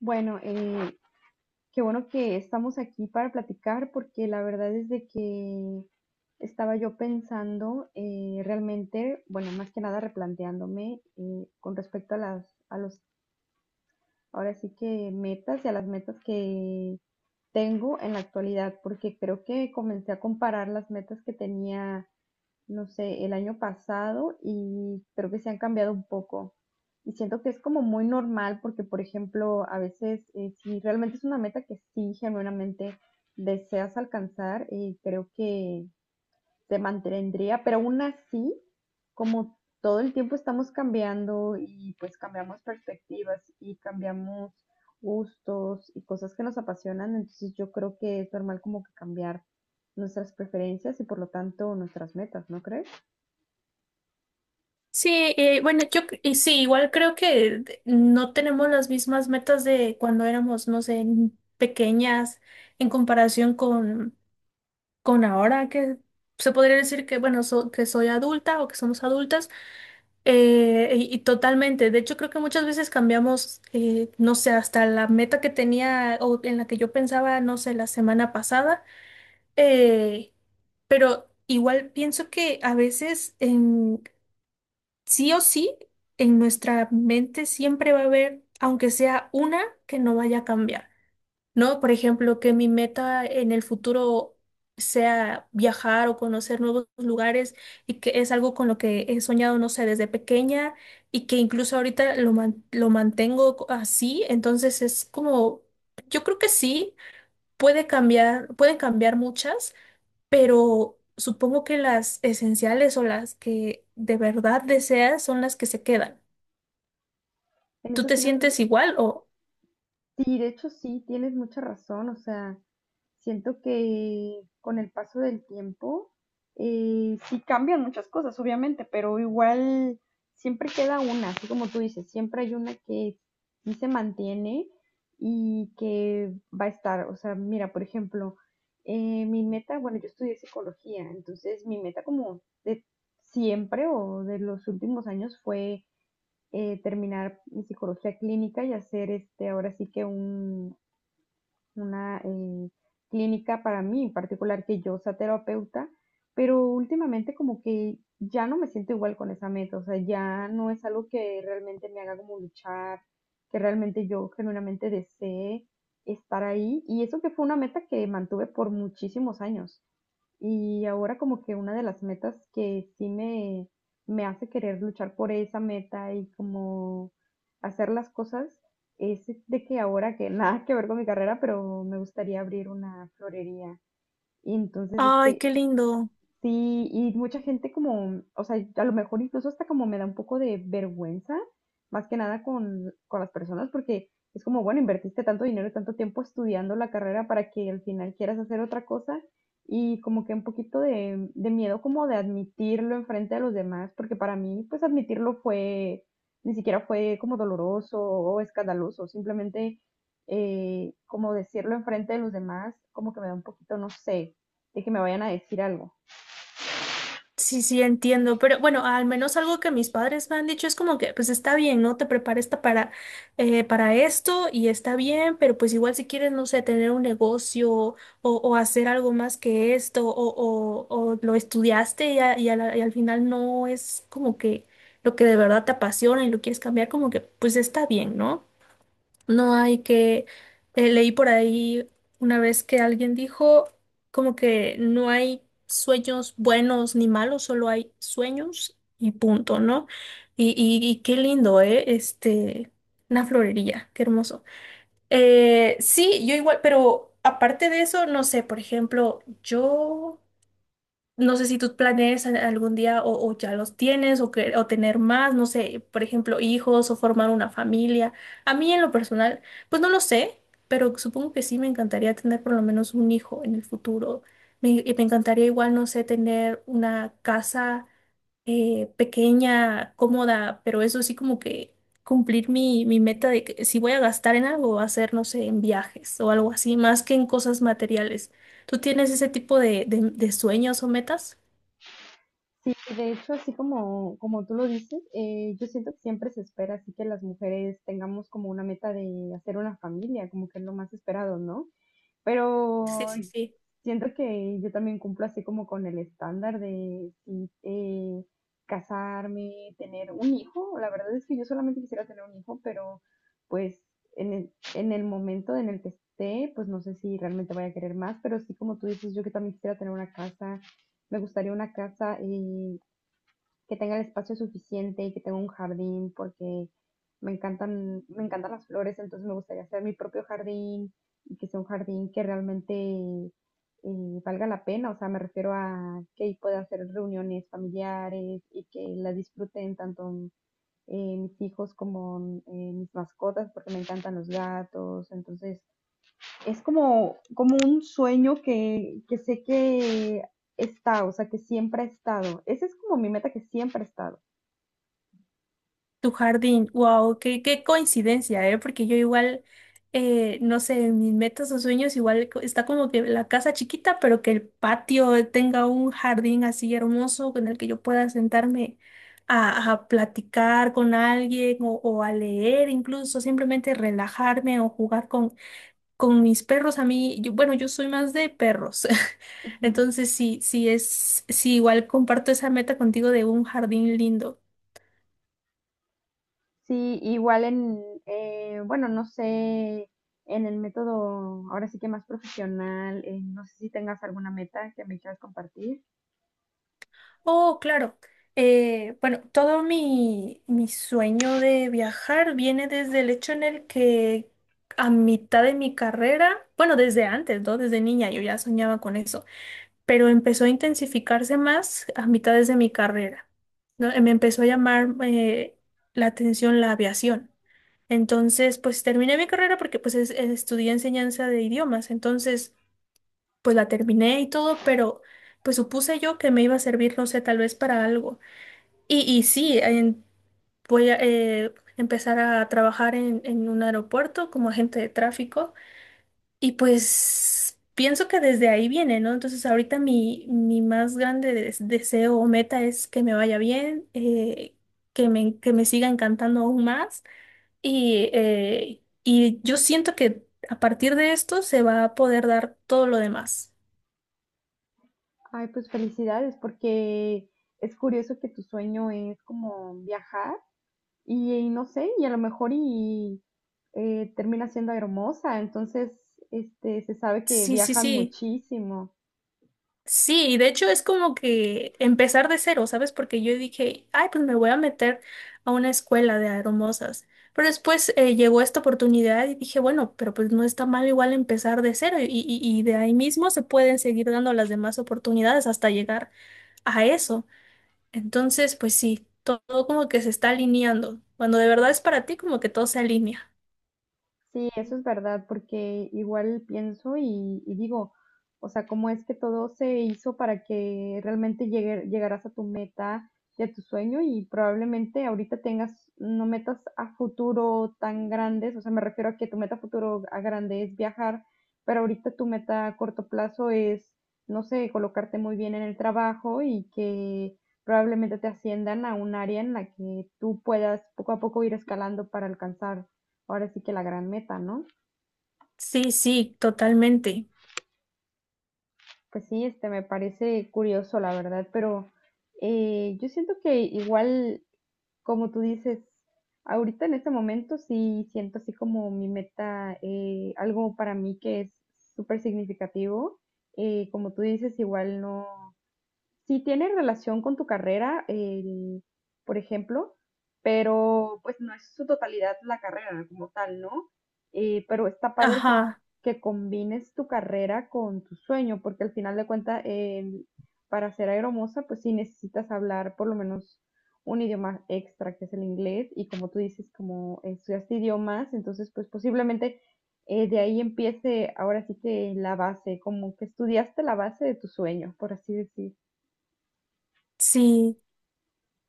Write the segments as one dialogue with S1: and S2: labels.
S1: Bueno, qué bueno que estamos aquí para platicar, porque la verdad es de que estaba yo pensando, realmente, bueno, más que nada replanteándome, con respecto a los, ahora sí que metas, y a las metas que tengo en la actualidad, porque creo que comencé a comparar las metas que tenía, no sé, el año pasado, y creo que se han cambiado un poco. Y siento que es como muy normal porque, por ejemplo, a veces, si realmente es una meta que sí genuinamente deseas alcanzar, creo que se mantendría, pero aún así, como todo el tiempo estamos cambiando y pues cambiamos perspectivas y cambiamos gustos y cosas que nos apasionan, entonces yo creo que es normal como que cambiar nuestras preferencias y por lo tanto nuestras metas, ¿no crees?
S2: Sí, bueno, yo, y sí, igual creo no tenemos las mismas metas de cuando éramos, no sé, pequeñas en comparación con ahora que se podría decir que, bueno, que soy adulta o que somos adultas, y totalmente. De hecho, creo que muchas veces cambiamos, no sé, hasta la meta que tenía o en la que yo pensaba, no sé, la semana pasada. eh, pero igual pienso que a veces sí o sí, en nuestra mente siempre va a haber, aunque sea una, que no vaya a cambiar, ¿no? Por ejemplo, que mi meta en el futuro sea viajar o conocer nuevos lugares y que es algo con lo que he soñado, no sé, desde pequeña y que incluso ahorita lo mantengo así, entonces es como, yo creo que sí, puede cambiar, pueden cambiar muchas, pero supongo que las esenciales o las que de verdad deseas son las que se quedan.
S1: En
S2: ¿Tú
S1: eso
S2: te
S1: tiene,
S2: sientes igual o…
S1: sí, de hecho sí, tienes mucha razón. O sea, siento que con el paso del tiempo, sí cambian muchas cosas, obviamente, pero igual siempre queda una, así como tú dices, siempre hay una que sí se mantiene y que va a estar. O sea, mira, por ejemplo, mi meta, bueno, yo estudié psicología, entonces mi meta como de siempre o de los últimos años fue, terminar mi psicología clínica y hacer este, ahora sí que un, una, clínica para mí en particular, que yo sea terapeuta, pero últimamente como que ya no me siento igual con esa meta. O sea, ya no es algo que realmente me haga como luchar, que realmente yo genuinamente desee estar ahí, y eso que fue una meta que mantuve por muchísimos años. Y ahora como que una de las metas que sí me hace querer luchar por esa meta y como hacer las cosas es de que ahora que nada que ver con mi carrera, pero me gustaría abrir una florería. Y entonces
S2: ay, qué
S1: este,
S2: lindo?
S1: sí, y mucha gente como, o sea, a lo mejor incluso hasta como me da un poco de vergüenza, más que nada con las personas, porque es como, bueno, invertiste tanto dinero y tanto tiempo estudiando la carrera para que al final quieras hacer otra cosa, y como que un poquito de miedo como de admitirlo enfrente de los demás, porque para mí pues admitirlo fue, ni siquiera fue como doloroso o escandaloso, simplemente, como decirlo enfrente de los demás, como que me da un poquito, no sé, de que me vayan a decir algo.
S2: Sí, sí, entiendo, pero bueno, al menos algo que mis padres me han dicho es como que, pues está bien, ¿no? Te prepares para esto y está bien, pero pues igual si quieres, no sé, tener un negocio o hacer algo más que esto o lo estudiaste y al final no es como que lo que de verdad te apasiona y lo quieres cambiar, como que, pues está bien, ¿no? No hay que… leí por ahí una vez que alguien dijo como que no hay sueños buenos ni malos, solo hay sueños y punto, ¿no? Y qué lindo, ¿eh? Este, una florería, qué hermoso. Sí, yo igual, pero aparte de eso, no sé, por ejemplo, yo… No sé si tú planees algún día o ya los tienes o tener más, no sé, por ejemplo, hijos o formar una familia. A mí en lo personal, pues no lo sé, pero supongo que sí me encantaría tener por lo menos un hijo en el futuro. Y me encantaría igual, no sé, tener una casa pequeña, cómoda, pero eso sí como que cumplir mi meta de que si voy a gastar en algo, va a ser, no sé, en viajes o algo así, más que en cosas materiales. ¿Tú tienes ese tipo de sueños o metas?
S1: Sí, de hecho, así como tú lo dices, yo siento que siempre se espera así que las mujeres tengamos como una meta de hacer una familia, como que es lo más esperado, ¿no?
S2: Sí,
S1: Pero
S2: sí, sí.
S1: siento que yo también cumplo así como con el estándar de sí, casarme, tener un hijo. La verdad es que yo solamente quisiera tener un hijo, pero pues en el momento en el que esté, pues no sé si realmente vaya a querer más, pero sí como tú dices, yo que también quisiera tener una casa. Me gustaría una casa, que tenga el espacio suficiente y que tenga un jardín, porque me encantan las flores, entonces me gustaría hacer mi propio jardín y que sea un jardín que realmente, valga la pena. O sea, me refiero a que pueda hacer reuniones familiares y que las disfruten tanto, mis hijos como, mis mascotas, porque me encantan los gatos, entonces es como, como un sueño que sé que está, o sea, que siempre ha estado. Esa es como mi meta que siempre ha estado.
S2: Tu jardín, wow, qué coincidencia, ¿eh? Porque yo igual, no sé, en mis metas o sueños igual está como que la casa chiquita, pero que el patio tenga un jardín así hermoso con el que yo pueda sentarme a platicar con alguien o a leer incluso, simplemente relajarme o jugar con mis perros. A mí, yo, bueno, yo soy más de perros.
S1: Ujú.
S2: Entonces, sí, sí, igual comparto esa meta contigo de un jardín lindo.
S1: Sí, igual en, bueno, no sé, en el método, ahora sí que más profesional, no sé si tengas alguna meta que me quieras compartir.
S2: Oh, claro. Bueno, todo mi sueño de viajar viene desde el hecho en el que a mitad de mi carrera, bueno, desde antes, ¿no? Desde niña yo ya soñaba con eso, pero empezó a intensificarse más a mitades de mi carrera, ¿no? Me empezó a llamar la atención la aviación. Entonces, pues terminé mi carrera porque pues estudié enseñanza de idiomas, entonces, pues la terminé y todo, pero pues supuse yo que me iba a servir, no sé, tal vez para algo. Y sí, voy a empezar a trabajar en un aeropuerto como agente de tráfico y pues pienso que desde ahí viene, ¿no? Entonces ahorita mi más grande deseo o meta es que me vaya bien, que me siga encantando aún más y yo siento que a partir de esto se va a poder dar todo lo demás.
S1: Ay, pues felicidades, porque es curioso que tu sueño es como viajar y no sé, y a lo mejor y, termina siendo hermosa, entonces, este, se sabe que
S2: Sí, sí,
S1: viajan
S2: sí.
S1: muchísimo.
S2: Sí, y de hecho es como que empezar de cero, ¿sabes? Porque yo dije, ay, pues me voy a meter a una escuela de hermosas. Pero después llegó esta oportunidad y dije, bueno, pero pues no está mal igual empezar de cero y de ahí mismo se pueden seguir dando las demás oportunidades hasta llegar a eso. Entonces, pues sí, todo como que se está alineando. Cuando de verdad es para ti, como que todo se alinea.
S1: Sí, eso es verdad, porque igual pienso y digo, o sea, cómo es que todo se hizo para que realmente llegaras a tu meta y a tu sueño, y probablemente ahorita tengas no metas a futuro tan grandes. O sea, me refiero a que tu meta a futuro a grande es viajar, pero ahorita tu meta a corto plazo es, no sé, colocarte muy bien en el trabajo y que probablemente te asciendan a un área en la que tú puedas poco a poco ir escalando para alcanzar ahora sí que la gran meta, ¿no?
S2: Sí, sí, totalmente.
S1: Pues sí, este me parece curioso, la verdad, pero, yo siento que igual, como tú dices, ahorita en este momento sí siento así como mi meta, algo para mí que es súper significativo. Como tú dices, igual no, sí tiene relación con tu carrera, por ejemplo, pero pues no es su totalidad la carrera como tal, ¿no? Pero está padre
S2: Ajá,
S1: que combines tu carrera con tu sueño, porque al final de cuentas, para ser aeromoza, pues sí necesitas hablar por lo menos un idioma extra, que es el inglés, y como tú dices, como estudiaste idiomas, entonces pues posiblemente, de ahí empiece ahora sí que la base, como que estudiaste la base de tu sueño, por así decir.
S2: sí,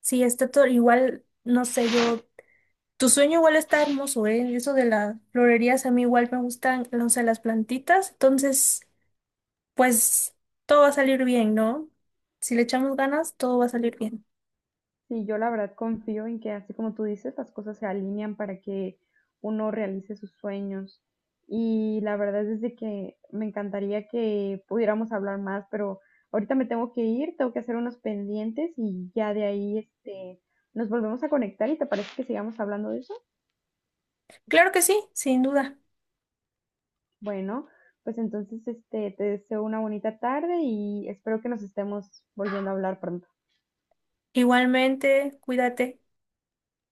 S2: sí, está todo igual, no sé, yo. Tu sueño igual está hermoso, ¿eh? Eso de las florerías a mí igual me gustan, no sé, las plantitas. Entonces, pues todo va a salir bien, ¿no? Si le echamos ganas, todo va a salir bien.
S1: Sí, yo la verdad confío en que así como tú dices, las cosas se alinean para que uno realice sus sueños. Y la verdad es de que me encantaría que pudiéramos hablar más, pero ahorita me tengo que ir, tengo que hacer unos pendientes, y ya de ahí este nos volvemos a conectar. ¿Y te parece que sigamos hablando de eso?
S2: Claro que sí, sin duda.
S1: Bueno, pues entonces este te deseo una bonita tarde y espero que nos estemos volviendo a hablar pronto.
S2: Igualmente, cuídate.